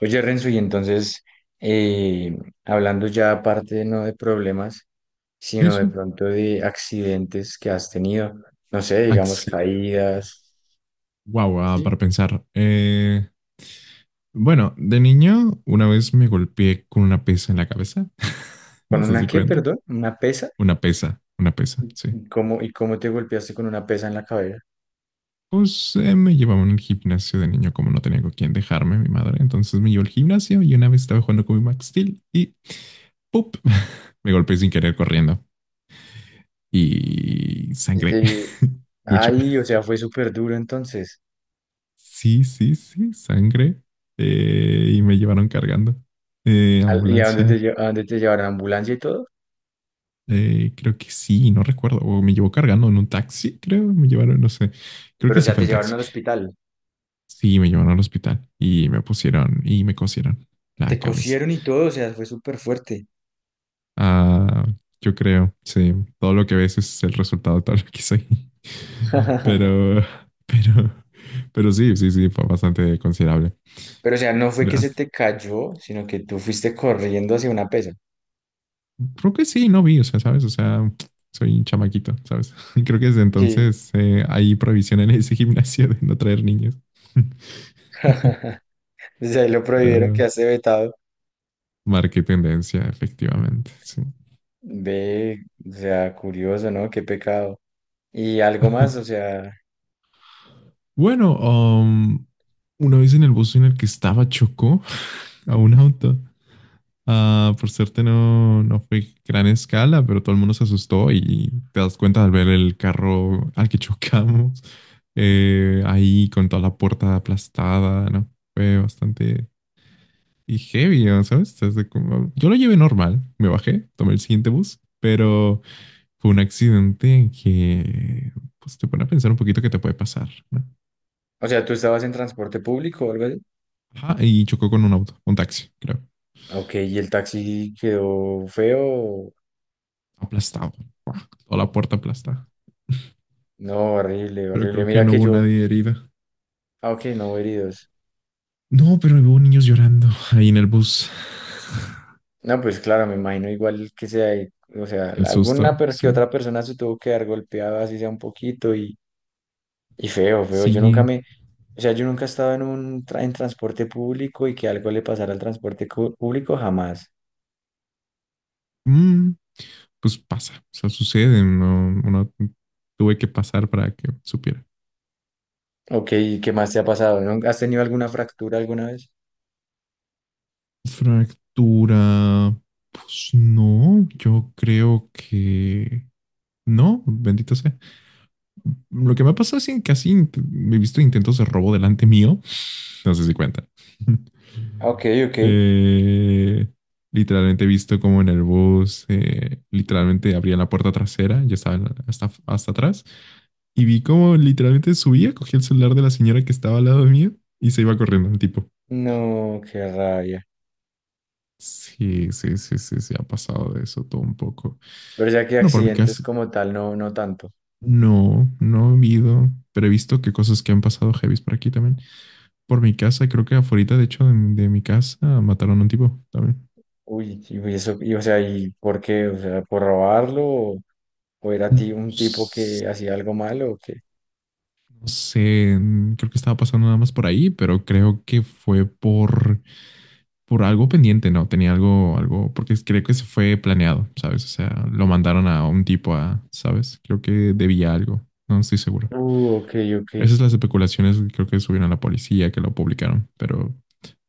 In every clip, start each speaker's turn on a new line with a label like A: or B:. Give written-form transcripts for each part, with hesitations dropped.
A: Oye, Renzo, y entonces, eh, hablando ya aparte no de problemas,
B: Sí,
A: sino de
B: sí.
A: pronto de accidentes que has tenido, no sé, digamos caídas,
B: Accidentes. Wow,
A: ¿sí?
B: para pensar. Bueno, de niño una vez me golpeé con una pesa en la cabeza.
A: ¿Con
B: No sé
A: una
B: si
A: qué,
B: cuenta.
A: perdón? ¿Una pesa?
B: Una pesa, sí.
A: ¿Y cómo te golpeaste con una pesa en la cabeza?
B: Pues me llevaban al gimnasio de niño, como no tenía con quién dejarme, mi madre. Entonces me llevó al gimnasio y una vez estaba jugando con mi Max Steel y ¡pup! Me golpeé sin querer corriendo y sangre.
A: Este,
B: Mucho.
A: ay, o sea, fue súper duro entonces.
B: Sí, sí, sí, sangre. Y me llevaron cargando.
A: ¿Y a dónde te,
B: Ambulancia.
A: a dónde te llevaron? ¿A ambulancia y todo?
B: Creo que sí, no recuerdo. O me llevó cargando en un taxi, creo. Me llevaron, no sé. Creo
A: Pero,
B: que
A: o
B: sí
A: sea,
B: fue
A: te
B: en
A: llevaron
B: taxi.
A: al hospital.
B: Sí, me llevaron al hospital y me pusieron y me cosieron
A: Te
B: la cabeza.
A: cosieron y todo, o sea, fue súper fuerte.
B: Ah, yo creo, sí. Todo lo que ves es el resultado de todo lo que soy. Pero, pero, pero sí, sí, sí, fue bastante considerable.
A: Pero, o sea, no fue que se
B: Las-
A: te cayó, sino que tú fuiste corriendo hacia una pesa.
B: Creo que sí, no vi, o sea, ¿sabes? O sea, soy un chamaquito, ¿sabes? Creo que desde
A: Sí,
B: entonces hay prohibición en ese gimnasio de no traer niños.
A: desde ahí lo prohibieron, que
B: Pero
A: hace vetado.
B: marqué tendencia, efectivamente, sí.
A: Ve, o sea, curioso, ¿no? Qué pecado. Y algo más,
B: Bueno, una vez en el bus en el que estaba chocó a un auto. Ah, por suerte no fue gran escala, pero todo el mundo se asustó y te das cuenta al ver el carro al que chocamos, ahí con toda la puerta aplastada, ¿no? Fue bastante y heavy, ¿no? ¿Sabes? Desde como... Yo lo llevé normal, me bajé, tomé el siguiente bus, pero fue un accidente que, pues, te pone a pensar un poquito que te puede pasar, ¿no?
A: o sea, tú estabas en transporte público o algo así.
B: Ajá, y chocó con un auto, un taxi, creo,
A: Ok, y el taxi quedó feo.
B: aplastado, toda la puerta aplastada.
A: No, horrible,
B: Pero
A: horrible.
B: creo que
A: Mira
B: no
A: que
B: hubo
A: yo,
B: nadie herida.
A: ah, ok, no hubo heridos.
B: No, pero hubo niños llorando ahí en el bus.
A: No, pues claro, me imagino igual que sea, o sea,
B: El
A: alguna
B: susto,
A: pero que
B: sí.
A: otra persona se tuvo que dar golpeada, así sea un poquito, y feo, feo. Yo nunca
B: Sí.
A: me, o sea, yo nunca he estado en un en transporte público y que algo le pasara al transporte público, jamás.
B: Mm, pues pasa, o sea, sucede. No, no tuve que pasar para que supiera.
A: Ok, ¿y qué más te ha pasado? ¿No? ¿Has tenido alguna fractura alguna vez?
B: Fractura. Pues no, yo creo que no, bendito sea. Lo que me ha pasado es que casi he visto intentos de robo delante mío. No sé si cuenta.
A: Ah, ok, ok.
B: Eh, literalmente he visto como en el bus, literalmente abría la puerta trasera, yo estaba en- hasta, hasta atrás, y vi como literalmente subía, cogía el celular de la señora que estaba al lado mío y se iba corriendo el tipo.
A: No, qué rabia.
B: Sí, sí, sí, sí, se ha pasado de eso todo un poco.
A: Pero ya que
B: Bueno, por mi
A: accidentes
B: casa,
A: como tal, no, no tanto.
B: no, no he habido, pero he visto que cosas que han pasado heavies por aquí también. Por mi casa, creo que afuera, de hecho, de mi casa, mataron a un tipo también.
A: Uy, y uy, eso, y, o sea, ¿y por qué? O sea, ¿por robarlo? O era ti
B: No.
A: un tipo que hacía algo malo o qué?
B: No sé, creo que estaba pasando nada más por ahí, pero creo que fue por algo pendiente, ¿no? Tenía algo, algo, porque creo que se fue planeado, ¿sabes? O sea, lo mandaron a un tipo a, ¿sabes? Creo que debía algo, no estoy seguro.
A: Ok, ok.
B: Esas son las especulaciones, creo que subieron a la policía, que lo publicaron, pero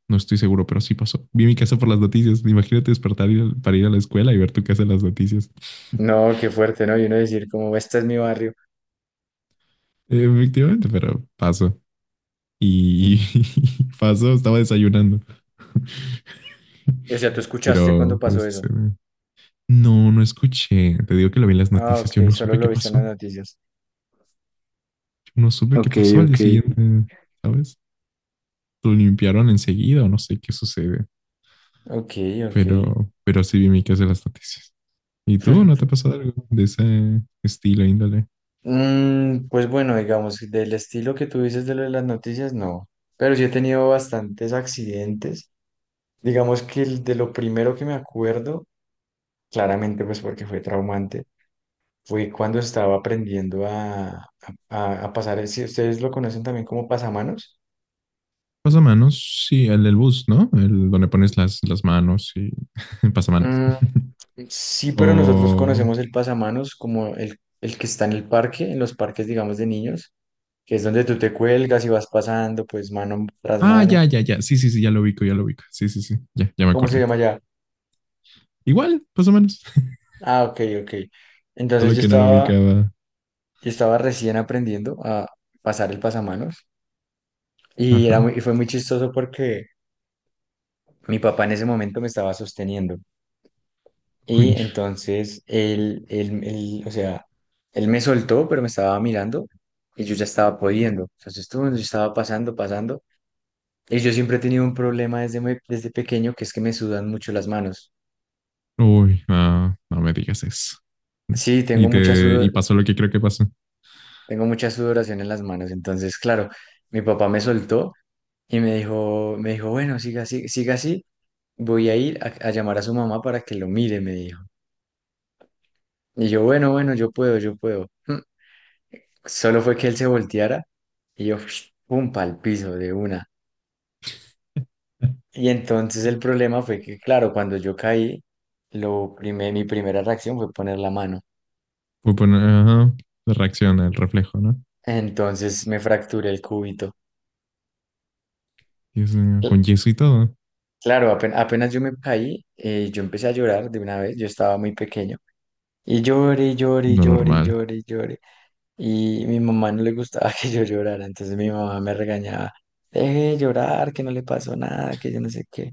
B: no estoy seguro, pero sí pasó. Vi mi casa por las noticias, imagínate despertar y- para ir a la escuela y ver tu casa en las noticias.
A: No, qué fuerte, ¿no? Y uno decir como, este es mi barrio.
B: Efectivamente, pero pasó. Y pasó, estaba desayunando.
A: O sea, tú escuchaste cuando
B: Pero
A: pasó
B: eso se
A: eso.
B: ve. No, no escuché. Te digo que lo vi en las
A: Ah,
B: noticias. Yo
A: ok,
B: no
A: solo
B: supe
A: lo
B: qué
A: viste en
B: pasó.
A: las
B: Yo
A: noticias.
B: no supe qué
A: Ok,
B: pasó al día
A: ok.
B: siguiente, ¿sabes? Lo limpiaron enseguida o no sé qué sucede.
A: Ok, ok.
B: Pero sí vi mi caso en las noticias. ¿Y tú no te ha pasado algo de ese estilo, índole?
A: Mm, pues bueno, digamos, del estilo que tú dices de lo de las noticias, no. Pero sí he tenido bastantes accidentes. Digamos que el de lo primero que me acuerdo, claramente pues porque fue traumante, fue cuando estaba aprendiendo a pasar, si ustedes lo conocen también como pasamanos.
B: Pasamanos, sí, el del bus, ¿no? El donde pones las manos y pasamanos.
A: Sí, pero nosotros
B: O.
A: conocemos el pasamanos como el que está en el parque, en los parques, digamos, de niños, que es donde tú te cuelgas y vas pasando, pues, mano tras
B: Ah,
A: mano.
B: ya, ya, ya. Sí, sí, sí, ya lo ubico, ya lo ubico. Sí, sí, sí. Ya, ya me
A: ¿Cómo se
B: acordé.
A: llama ya?
B: Igual, pasamanos.
A: Ah, ok, ok. Entonces
B: Solo
A: yo
B: que no lo
A: estaba,
B: ubicaba.
A: yo estaba recién aprendiendo a pasar el pasamanos y, era
B: Ajá.
A: y fue muy chistoso porque mi papá en ese momento me estaba sosteniendo y
B: Uy,
A: entonces él, o sea, él me soltó, pero me estaba mirando y yo ya estaba pudiendo. Entonces, tú, yo estaba pasando, pasando. Y yo siempre he tenido un problema desde, desde pequeño, que es que me sudan mucho las manos.
B: uy, no, no me digas eso.
A: Sí,
B: Y
A: tengo mucha
B: te, y
A: sudor,
B: pasó lo que creo que pasó.
A: tengo mucha sudoración en las manos. Entonces, claro, mi papá me soltó y me dijo, bueno, siga así, siga así. Voy a ir a llamar a su mamá para que lo mire, me dijo. Y yo, bueno, bueno, yo puedo, yo puedo. Mm. Solo fue que él se volteara y yo, pum, pa'l piso de una. Y entonces el problema fue que, claro, cuando yo caí, mi primera reacción fue poner la mano.
B: Fue poner, ajá, la reacción al reflejo, ¿no?
A: Entonces me fracturé el cúbito.
B: Dios mío, con
A: Cl-
B: yeso y todo.
A: Claro, apenas, yo me caí, yo empecé a llorar de una vez, yo estaba muy pequeño. Y lloré, lloré,
B: Lo
A: lloré,
B: normal,
A: lloré, lloré. Y mi mamá no le gustaba que yo llorara, entonces mi mamá me regañaba, deje de llorar, que no le pasó nada, que yo no sé qué.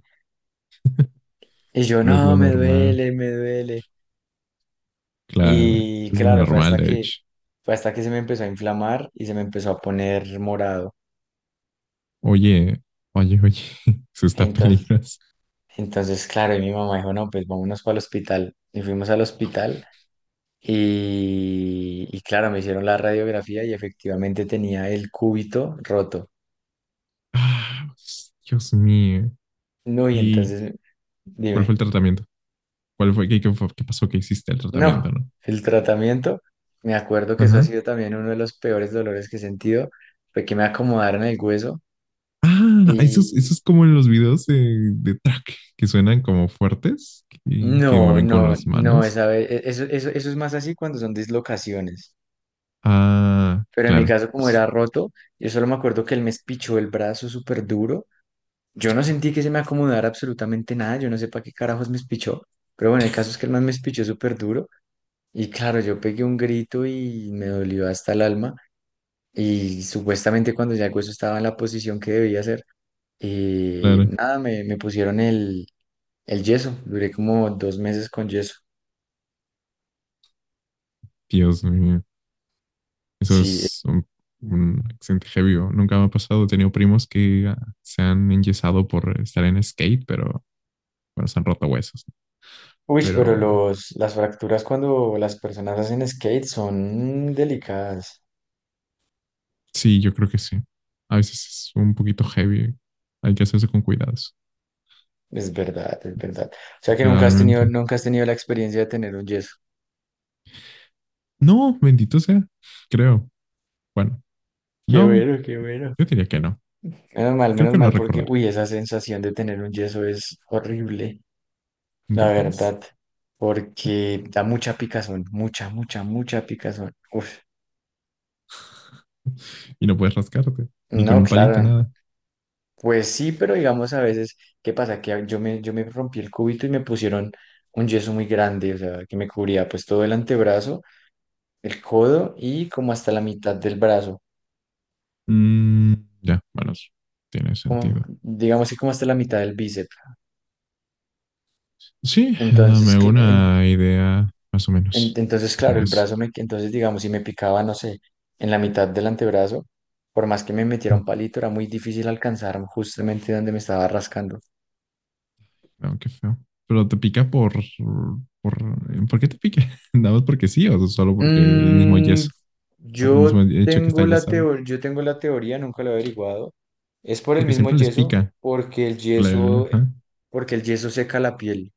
A: Y yo,
B: pero es
A: no,
B: lo
A: me
B: normal,
A: duele, me duele.
B: claro,
A: Y
B: es lo
A: claro,
B: normal, de hecho.
A: fue hasta que se me empezó a inflamar y se me empezó a poner morado.
B: Oye, oye, oye, eso está
A: Entonces
B: peligroso.
A: Entonces, claro, y mi mamá dijo, no, pues vámonos para el hospital. Y fuimos al hospital y claro, me hicieron la radiografía y efectivamente tenía el cúbito roto.
B: Ah, Dios mío.
A: No, y
B: ¿Y
A: entonces,
B: cuál fue el
A: dime,
B: tratamiento? ¿Cuál fue, qué, qué fue- qué pasó que hiciste el tratamiento,
A: no,
B: no?
A: el tratamiento, me acuerdo que eso ha
B: Ajá.
A: sido también uno de los peores dolores que he sentido, fue que me acomodaron el hueso
B: Ah, esos,
A: y
B: esos como en los videos de track que suenan como fuertes, que
A: no,
B: mueven con
A: no,
B: las
A: no,
B: manos.
A: eso, eso es más así cuando son dislocaciones.
B: Ah,
A: Pero en mi
B: claro,
A: caso, como era roto, yo solo me acuerdo que él me espichó el brazo súper duro. Yo no sentí que se me acomodara absolutamente nada, yo no sé para qué carajos me espichó, pero bueno, el caso es que el man me espichó súper duro y claro, yo pegué un grito y me dolió hasta el alma y supuestamente cuando ya el hueso estaba en la posición que debía ser,
B: claro.
A: nada, me pusieron el yeso, duré como dos meses con yeso.
B: Dios mío, eso
A: Sí,
B: es un accidente heavy. ¿O? Nunca me ha pasado. He tenido primos que ah, se han enyesado por estar en skate, pero bueno, se han roto huesos.
A: uy, pero
B: Pero
A: las fracturas cuando las personas hacen skate son delicadas,
B: sí, yo creo que sí. A veces es un poquito heavy. Hay que hacerse con cuidados,
A: es verdad, es verdad. O sea que nunca has tenido,
B: literalmente.
A: nunca has tenido la experiencia de tener un yeso.
B: No, bendito sea, creo. Bueno,
A: Qué
B: no,
A: bueno, qué bueno.
B: yo diría que no. Creo
A: Menos
B: que lo
A: mal, porque,
B: recordaré.
A: uy, esa sensación de tener un yeso es horrible, la
B: Incapaz.
A: verdad, porque da mucha picazón, mucha, mucha, mucha picazón. Uf,
B: Y no puedes rascarte. Ni con
A: no,
B: un palito,
A: claro,
B: nada.
A: pues sí, pero digamos a veces, ¿qué pasa? Que yo me rompí el cúbito y me pusieron un yeso muy grande, o sea, que me cubría pues todo el antebrazo, el codo y como hasta la mitad del brazo,
B: Mm, ya, bueno, tiene
A: como,
B: sentido.
A: digamos que como hasta la mitad del bíceps.
B: Sí, me
A: Entonces,
B: hago una idea más o menos
A: Entonces,
B: de
A: claro,
B: cómo
A: el
B: es.
A: brazo me, entonces digamos, si me picaba, no sé, en la mitad del antebrazo, por más que me metiera
B: Mm,
A: un palito, era muy difícil alcanzar justamente donde me estaba rascando.
B: no, qué feo. Pero te pica por... ¿Por qué te pica? ¿Nada más porque sí o solo porque el mismo
A: Mm,
B: yeso? Por el mismo hecho que está yesado.
A: yo tengo la teoría, nunca lo he averiguado. Es por el
B: Porque
A: mismo
B: siempre les
A: yeso,
B: pica. Claro, ajá.
A: porque el yeso seca la piel.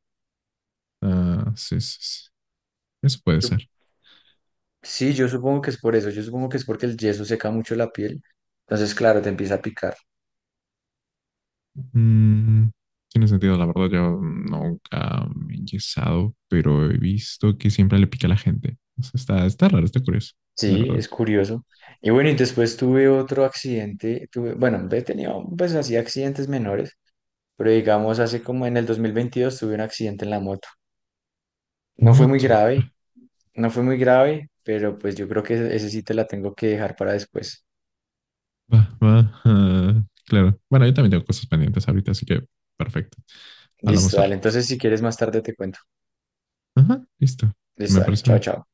B: Ah, sí, sí, sí. Eso puede ser.
A: Sup- Sí, yo supongo que es por eso, yo supongo que es porque el yeso seca mucho la piel. Entonces, claro, te empieza a picar.
B: Mm, tiene sentido, la verdad, yo nunca me he enyesado, pero he visto que siempre le pica a la gente. O sea, está, está raro, está curioso, la
A: Sí,
B: verdad.
A: es curioso. Y bueno, y después tuve otro accidente, tuve, bueno, he tenido pues así accidentes menores, pero digamos hace como en el 2022 tuve un accidente en la moto. No fue muy
B: Moto.
A: grave, no fue muy grave, pero pues yo creo que ese sí te la tengo que dejar para después.
B: Va, va. Ah, claro. Bueno, yo también tengo cosas pendientes ahorita, así que perfecto.
A: Listo,
B: Hablamos al
A: dale.
B: rato.
A: Entonces si quieres más tarde te cuento.
B: Ajá, listo.
A: Listo,
B: Me
A: dale.
B: parece
A: Chao,
B: bien.
A: chao.